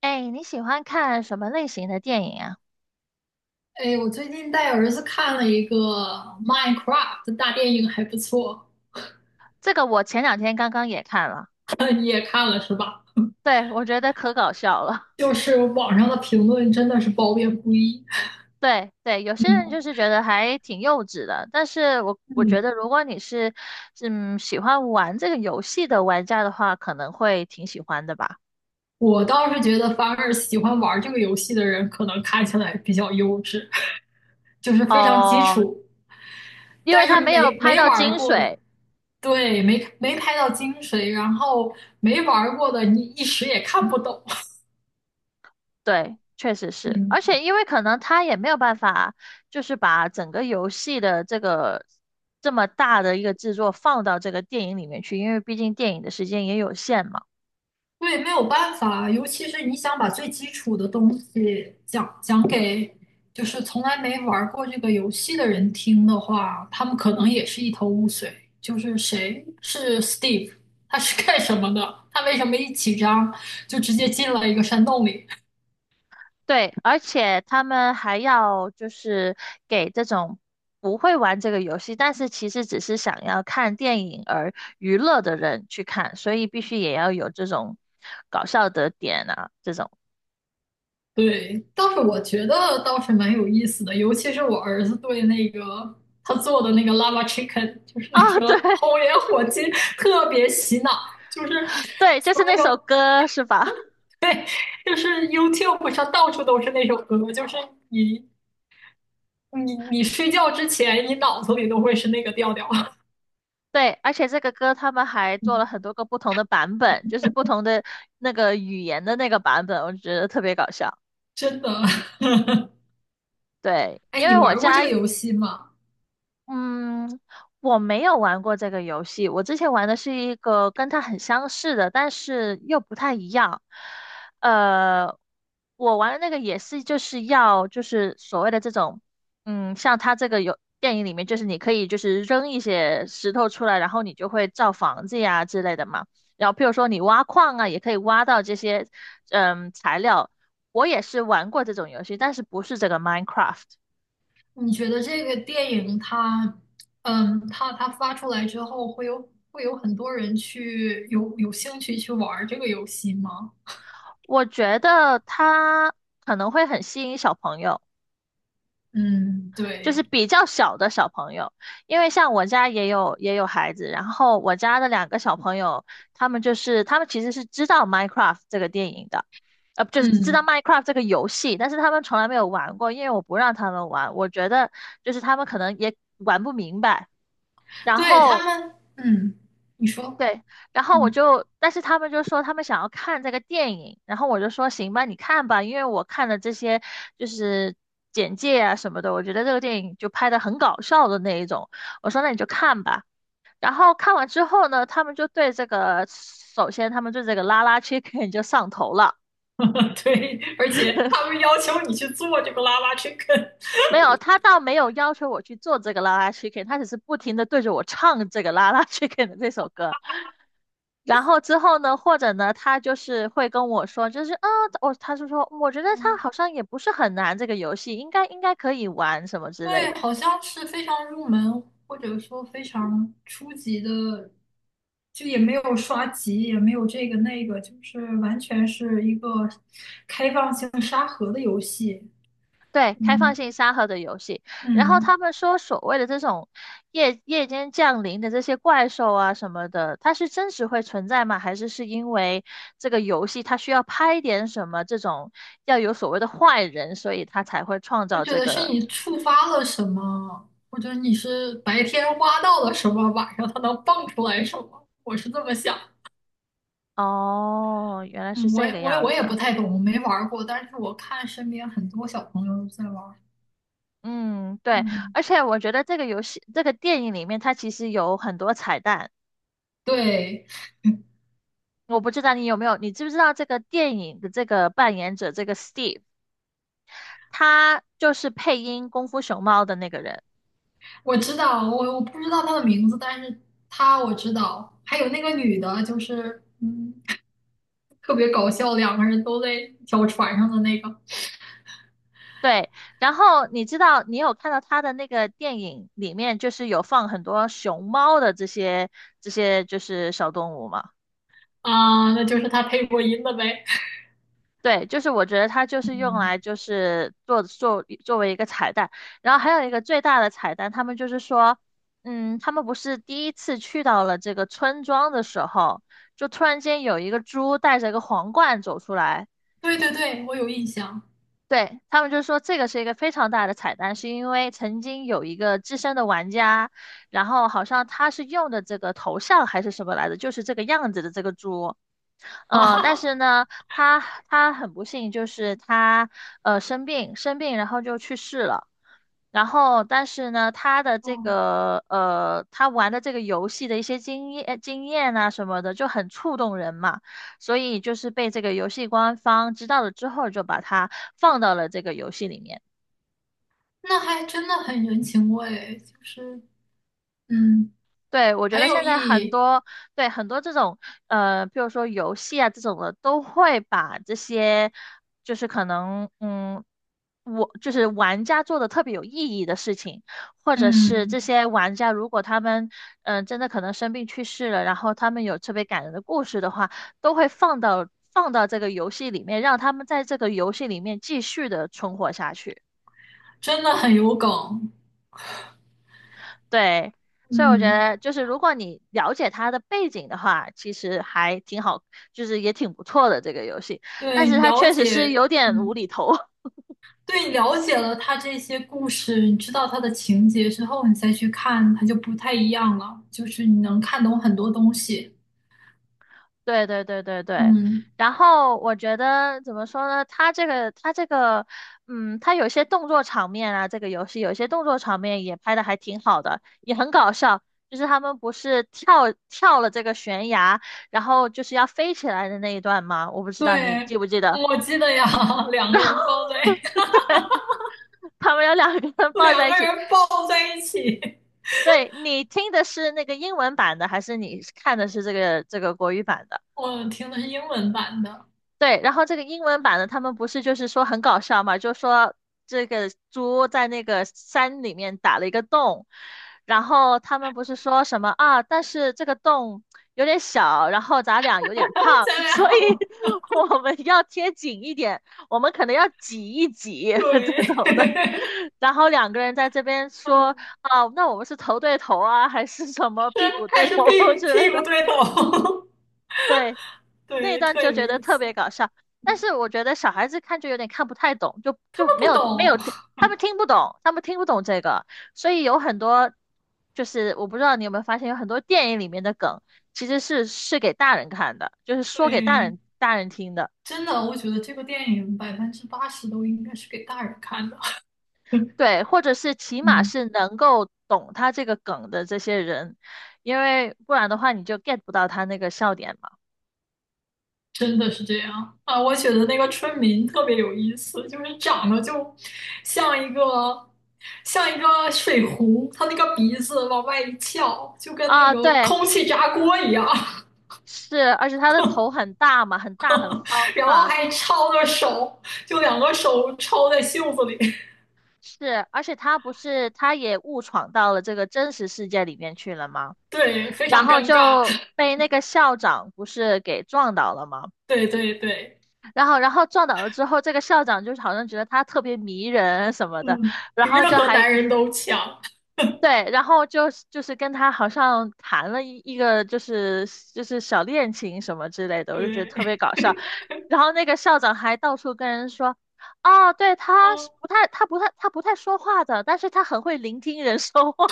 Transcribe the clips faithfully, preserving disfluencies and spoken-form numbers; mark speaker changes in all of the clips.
Speaker 1: 哎，你喜欢看什么类型的电影啊？
Speaker 2: 哎，我最近带儿子看了一个《Minecraft》大电影，还不错。
Speaker 1: 这个我前两天刚刚也看了，
Speaker 2: 你也看了是吧？
Speaker 1: 对，我觉得可搞笑了。
Speaker 2: 就是网上的评论真的是褒贬不一。
Speaker 1: 对对，有些人就
Speaker 2: 嗯
Speaker 1: 是觉得还挺幼稚的，但是我我觉
Speaker 2: 嗯，
Speaker 1: 得如果你是嗯喜欢玩这个游戏的玩家的话，可能会挺喜欢的吧。
Speaker 2: 我倒是觉得，反而喜欢玩这个游戏的人，可能看起来比较幼稚，就是非常基
Speaker 1: 哦，
Speaker 2: 础。
Speaker 1: 因为
Speaker 2: 但
Speaker 1: 他
Speaker 2: 是
Speaker 1: 没有
Speaker 2: 没
Speaker 1: 拍
Speaker 2: 没
Speaker 1: 到
Speaker 2: 玩
Speaker 1: 精
Speaker 2: 过的，
Speaker 1: 髓，
Speaker 2: 对，没没拍到精髓，然后没玩过的，你一时也看不懂。
Speaker 1: 对，确实 是，而
Speaker 2: 嗯。
Speaker 1: 且因为可能他也没有办法，就是把整个游戏的这个这么大的一个制作放到这个电影里面去，因为毕竟电影的时间也有限嘛。
Speaker 2: 对，没有办法，尤其是你想把最基础的东西讲讲给就是从来没玩儿过这个游戏的人听的话，他们可能也是一头雾水。就是谁是 Steve，他是干什么的？他为什么一起张就直接进了一个山洞里？
Speaker 1: 对，而且他们还要就是给这种不会玩这个游戏，但是其实只是想要看电影而娱乐的人去看，所以必须也要有这种搞笑的点啊，这种。
Speaker 2: 对，倒是我觉得倒是蛮有意思的，尤其是我儿子对那个他做的那个 lava chicken，就是那
Speaker 1: 哦，
Speaker 2: 个
Speaker 1: 对
Speaker 2: 红莲火鸡，特别洗脑，就是
Speaker 1: 对，就
Speaker 2: 所
Speaker 1: 是那首
Speaker 2: 有。
Speaker 1: 歌是吧？
Speaker 2: 对，就是 YouTube 上到处都是那首歌，就是你你你睡觉之前，你脑子里都会是那个调调。
Speaker 1: 对，而且这个歌他们还做了
Speaker 2: 嗯
Speaker 1: 很多个不同的版本，就是不同的那个语言的那个版本，我觉得特别搞笑。
Speaker 2: 真的。
Speaker 1: 对，
Speaker 2: 哎，
Speaker 1: 因
Speaker 2: 你
Speaker 1: 为我
Speaker 2: 玩过这
Speaker 1: 家
Speaker 2: 个游戏吗？
Speaker 1: 嗯，我没有玩过这个游戏，我之前玩的是一个跟它很相似的，但是又不太一样。呃，我玩的那个也是就是要就是所谓的这种，嗯，像它这个有电影里面就是你可以就是扔一些石头出来，然后你就会造房子呀之类的嘛。然后譬如说你挖矿啊，也可以挖到这些嗯材料。我也是玩过这种游戏，但是不是这个 Minecraft。
Speaker 2: 你觉得这个电影它，嗯，它它发出来之后，会有会有很多人去有有兴趣去玩这个游戏吗？
Speaker 1: 我觉得它可能会很吸引小朋友，
Speaker 2: 嗯，
Speaker 1: 就是
Speaker 2: 对，
Speaker 1: 比较小的小朋友，因为像我家也有也有孩子，然后我家的两个小朋友，他们就是他们其实是知道《Minecraft》这个电影的，呃，就是知道
Speaker 2: 嗯，
Speaker 1: 《Minecraft》这个游戏，但是他们从来没有玩过，因为我不让他们玩，我觉得就是他们可能也玩不明白。然
Speaker 2: 对他
Speaker 1: 后
Speaker 2: 们，嗯，你说，
Speaker 1: 对，然后我
Speaker 2: 嗯，
Speaker 1: 就，但是他们就说他们想要看这个电影，然后我就说行吧，你看吧，因为我看了这些就是简介啊什么的，我觉得这个电影就拍的很搞笑的那一种，我说那你就看吧。然后看完之后呢，他们就对这个，首先他们对这个拉拉 chicken 就上头了。
Speaker 2: 对，而且他们要求你去做这个拉拉 chicken。
Speaker 1: 没有，他倒没有要求我去做这个拉拉 chicken，他只是不停的对着我唱这个拉拉 chicken 的这首歌。然后之后呢，或者呢，他就是会跟我说，就是啊，我、他就说，我觉得他好像也不是很难，这个游戏应该应该可以玩什么之
Speaker 2: 对，
Speaker 1: 类的。
Speaker 2: 好像是非常入门或者说非常初级的，就也没有刷级，也没有这个那个，就是完全是一个开放性沙盒的游戏。
Speaker 1: 对，开放
Speaker 2: 嗯
Speaker 1: 性沙盒的游戏。然后
Speaker 2: 嗯，
Speaker 1: 他们说，所谓的这种夜夜间降临的这些怪兽啊什么的，它是真实会存在吗？还是是因为这个游戏它需要拍点什么这种要有所谓的坏人，所以它才会创
Speaker 2: 我
Speaker 1: 造
Speaker 2: 觉
Speaker 1: 这
Speaker 2: 得是
Speaker 1: 个？
Speaker 2: 你触发了什么，或者你是白天挖到了什么，晚上它能蹦出来什么，我是这么想。
Speaker 1: 哦，原来是
Speaker 2: 嗯，我
Speaker 1: 这
Speaker 2: 也
Speaker 1: 个
Speaker 2: 我也
Speaker 1: 样
Speaker 2: 我也不
Speaker 1: 子。
Speaker 2: 太懂，我没玩儿过，但是我看身边很多小朋友都在玩儿
Speaker 1: 嗯，对，
Speaker 2: 嗯，
Speaker 1: 而且我觉得这个游戏、这个电影里面，它其实有很多彩蛋。
Speaker 2: 对。
Speaker 1: 我不知道你有没有，你知不知道这个电影的这个扮演者，这个 Steve，他就是配音《功夫熊猫》的那个人。
Speaker 2: 我知道，我我不知道他的名字，但是他我知道，还有那个女的，就是嗯，特别搞笑，两个人都在一条船上的那个
Speaker 1: 对，然后你知道，你有看到他的那个电影里面，就是有放很多熊猫的这些这些就是小动物吗？
Speaker 2: 啊，那就是他配过音的呗。
Speaker 1: 对，就是我觉得它就是用
Speaker 2: 嗯，
Speaker 1: 来就是做做作为一个彩蛋，然后还有一个最大的彩蛋，他们就是说，嗯，他们不是第一次去到了这个村庄的时候，就突然间有一个猪带着一个皇冠走出来，
Speaker 2: 对对对，我有印象。
Speaker 1: 对，他们就说这个是一个非常大的彩蛋，是因为曾经有一个资深的玩家，然后好像他是用的这个头像还是什么来着，就是这个样子的这个猪。
Speaker 2: 哈
Speaker 1: 嗯，
Speaker 2: 哈
Speaker 1: 但是
Speaker 2: 哈，
Speaker 1: 呢，他他很不幸，就是他呃生病生病，然后就去世了。然后，但是呢，他的这
Speaker 2: 哦，
Speaker 1: 个呃，他玩的这个游戏的一些经验经验啊什么的，就很触动人嘛。所以就是被这个游戏官方知道了之后，就把他放到了这个游戏里面。
Speaker 2: 那还真的很人情味，就是嗯，
Speaker 1: 对，我觉
Speaker 2: 很
Speaker 1: 得
Speaker 2: 有
Speaker 1: 现
Speaker 2: 意
Speaker 1: 在很
Speaker 2: 义，
Speaker 1: 多，对，很多这种，呃，比如说游戏啊这种的，都会把这些，就是可能，嗯，我就是玩家做的特别有意义的事情，或者是这
Speaker 2: 嗯，
Speaker 1: 些玩家如果他们，嗯、真的可能生病去世了，然后他们有特别感人的故事的话，都会放到放到这个游戏里面，让他们在这个游戏里面继续的存活下去。
Speaker 2: 真的很有梗，
Speaker 1: 对，所以我觉
Speaker 2: 嗯，
Speaker 1: 得就是如果你了解它的背景的话，其实还挺好，就是也挺不错的这个游戏。但
Speaker 2: 对
Speaker 1: 是
Speaker 2: 你
Speaker 1: 它
Speaker 2: 了
Speaker 1: 确实是
Speaker 2: 解，
Speaker 1: 有点无
Speaker 2: 嗯。
Speaker 1: 厘头。
Speaker 2: 对，了解了他这些故事，你知道他的情节之后，你再去看，它就不太一样了。就是你能看懂很多东西。
Speaker 1: 对对对对对。
Speaker 2: 嗯，
Speaker 1: 然后我觉得怎么说呢？它这个它这个，嗯，它有些动作场面啊，这个游戏有些动作场面也拍的还挺好的，也很搞笑。就是他们不是跳跳了这个悬崖，然后就是要飞起来的那一段吗？我不知道你
Speaker 2: 对，
Speaker 1: 记不记得。
Speaker 2: 我记得呀，两
Speaker 1: 然
Speaker 2: 个
Speaker 1: 后
Speaker 2: 人抱在
Speaker 1: 对，他们有两个人 抱
Speaker 2: 两
Speaker 1: 在一
Speaker 2: 个
Speaker 1: 起。
Speaker 2: 人抱在一起，
Speaker 1: 对，你听的是那个英文版的，还是你看的是这个这个国语版的？
Speaker 2: 我听的是英文版的，
Speaker 1: 对，然后这个英文版的他们不是就是说很搞笑嘛，就说这个猪在那个山里面打了一个洞，然后他们不是说什么啊，但是这个洞有点小，然后咱俩有点胖，
Speaker 2: 咱
Speaker 1: 所以
Speaker 2: 俩
Speaker 1: 我们要贴紧一点，我们可能要挤一挤
Speaker 2: 对，
Speaker 1: 这种的。然后两个人在这边说
Speaker 2: 嗯，
Speaker 1: 啊，那我们是头对头啊，还是什
Speaker 2: 是
Speaker 1: 么屁股对
Speaker 2: 还是屁
Speaker 1: 头
Speaker 2: 股
Speaker 1: 之
Speaker 2: 屁
Speaker 1: 类的。
Speaker 2: 股对头，
Speaker 1: 对，那一
Speaker 2: 对，
Speaker 1: 段
Speaker 2: 特
Speaker 1: 就
Speaker 2: 有
Speaker 1: 觉得
Speaker 2: 意
Speaker 1: 特别
Speaker 2: 思。
Speaker 1: 搞笑。但是我觉得小孩子看就有点看不太懂，就
Speaker 2: 他
Speaker 1: 就
Speaker 2: 们
Speaker 1: 没
Speaker 2: 不
Speaker 1: 有没有
Speaker 2: 懂，
Speaker 1: 听，他们听不懂，他们听不懂这个，所以有很多就是我不知道你有没有发现，有很多电影里面的梗其实是是给大人看的，就是说给大
Speaker 2: 对，
Speaker 1: 人大人听的，
Speaker 2: 真的，我觉得这个电影百分之八十都应该是给大人看的。嗯，
Speaker 1: 对，或者是起码
Speaker 2: 嗯，
Speaker 1: 是能够懂他这个梗的这些人，因为不然的话你就 get 不到他那个笑点嘛。
Speaker 2: 真的是这样啊！我觉得那个村民特别有意思，就是长得就像一个像一个水壶，他那个鼻子往外一翘，就跟那
Speaker 1: 啊，
Speaker 2: 个
Speaker 1: 对，
Speaker 2: 空气炸锅一样，
Speaker 1: 是，而且他的头很大嘛，很大很方
Speaker 2: 然后
Speaker 1: 嘛。
Speaker 2: 还抄着手，就两个手抄在袖子里，
Speaker 1: 是，而且他不是，他也误闯到了这个真实世界里面去了吗？
Speaker 2: 对，非
Speaker 1: 然
Speaker 2: 常
Speaker 1: 后
Speaker 2: 尴尬，
Speaker 1: 就被那个校长不是给撞倒了吗？
Speaker 2: 对对对，
Speaker 1: 然后，然后撞倒了之后，这个校长就是好像觉得他特别迷人什么的，
Speaker 2: 嗯，
Speaker 1: 然
Speaker 2: 比任
Speaker 1: 后就
Speaker 2: 何
Speaker 1: 还
Speaker 2: 男 人都强，
Speaker 1: 对，然后就就是跟他好像谈了一一个就是就是小恋情什么之类的，我就觉得
Speaker 2: 对，
Speaker 1: 特别搞笑。然后那个校长还到处跟人说。哦，对，他是
Speaker 2: 嗯，
Speaker 1: 不太，他不太，他不太说话的，但是他很会聆听人说话。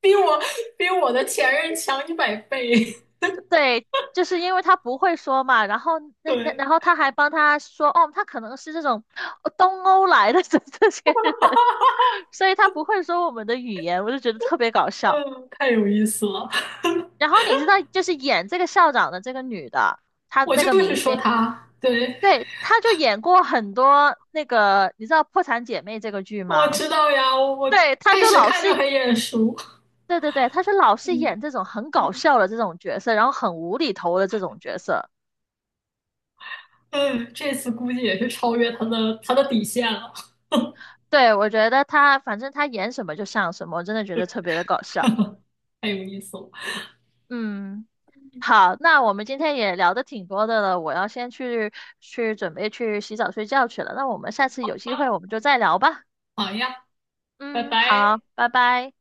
Speaker 2: 比我比我的前任强一百倍，
Speaker 1: 对，就是因为他不会说嘛，然后 那那
Speaker 2: 对，
Speaker 1: 然后他还帮他说，哦，他可能是这种呃东欧来的这这些人，所以他不会说我们的语言，我就觉得特别搞笑。
Speaker 2: 嗯，太有意思了。
Speaker 1: 然后你知道，就是演这个校长的这个女的，她
Speaker 2: 我
Speaker 1: 那
Speaker 2: 就
Speaker 1: 个明
Speaker 2: 是说
Speaker 1: 星，
Speaker 2: 他，对，
Speaker 1: 对，她就演过很多那个，你知道《破产姐妹》这个剧
Speaker 2: 我
Speaker 1: 吗？
Speaker 2: 知道呀，我我
Speaker 1: 对，她
Speaker 2: 开
Speaker 1: 就
Speaker 2: 始
Speaker 1: 老
Speaker 2: 看就
Speaker 1: 是，
Speaker 2: 很眼熟，
Speaker 1: 对对对，她是老是
Speaker 2: 嗯
Speaker 1: 演这种很搞笑的这种角色，然后很无厘头的这种角色。
Speaker 2: 嗯，这次估计也是超越他的他的底线了，
Speaker 1: 对，我觉得他反正他演什么就像什么，我真的觉得特别的搞笑。
Speaker 2: 太有意思了，
Speaker 1: 嗯，好，那我们今天也聊的挺多的了，我要先去去准备去洗澡睡觉去了。那我们下次有机会我们就再聊吧。
Speaker 2: 好呀，拜
Speaker 1: 嗯，好，
Speaker 2: 拜。
Speaker 1: 拜拜。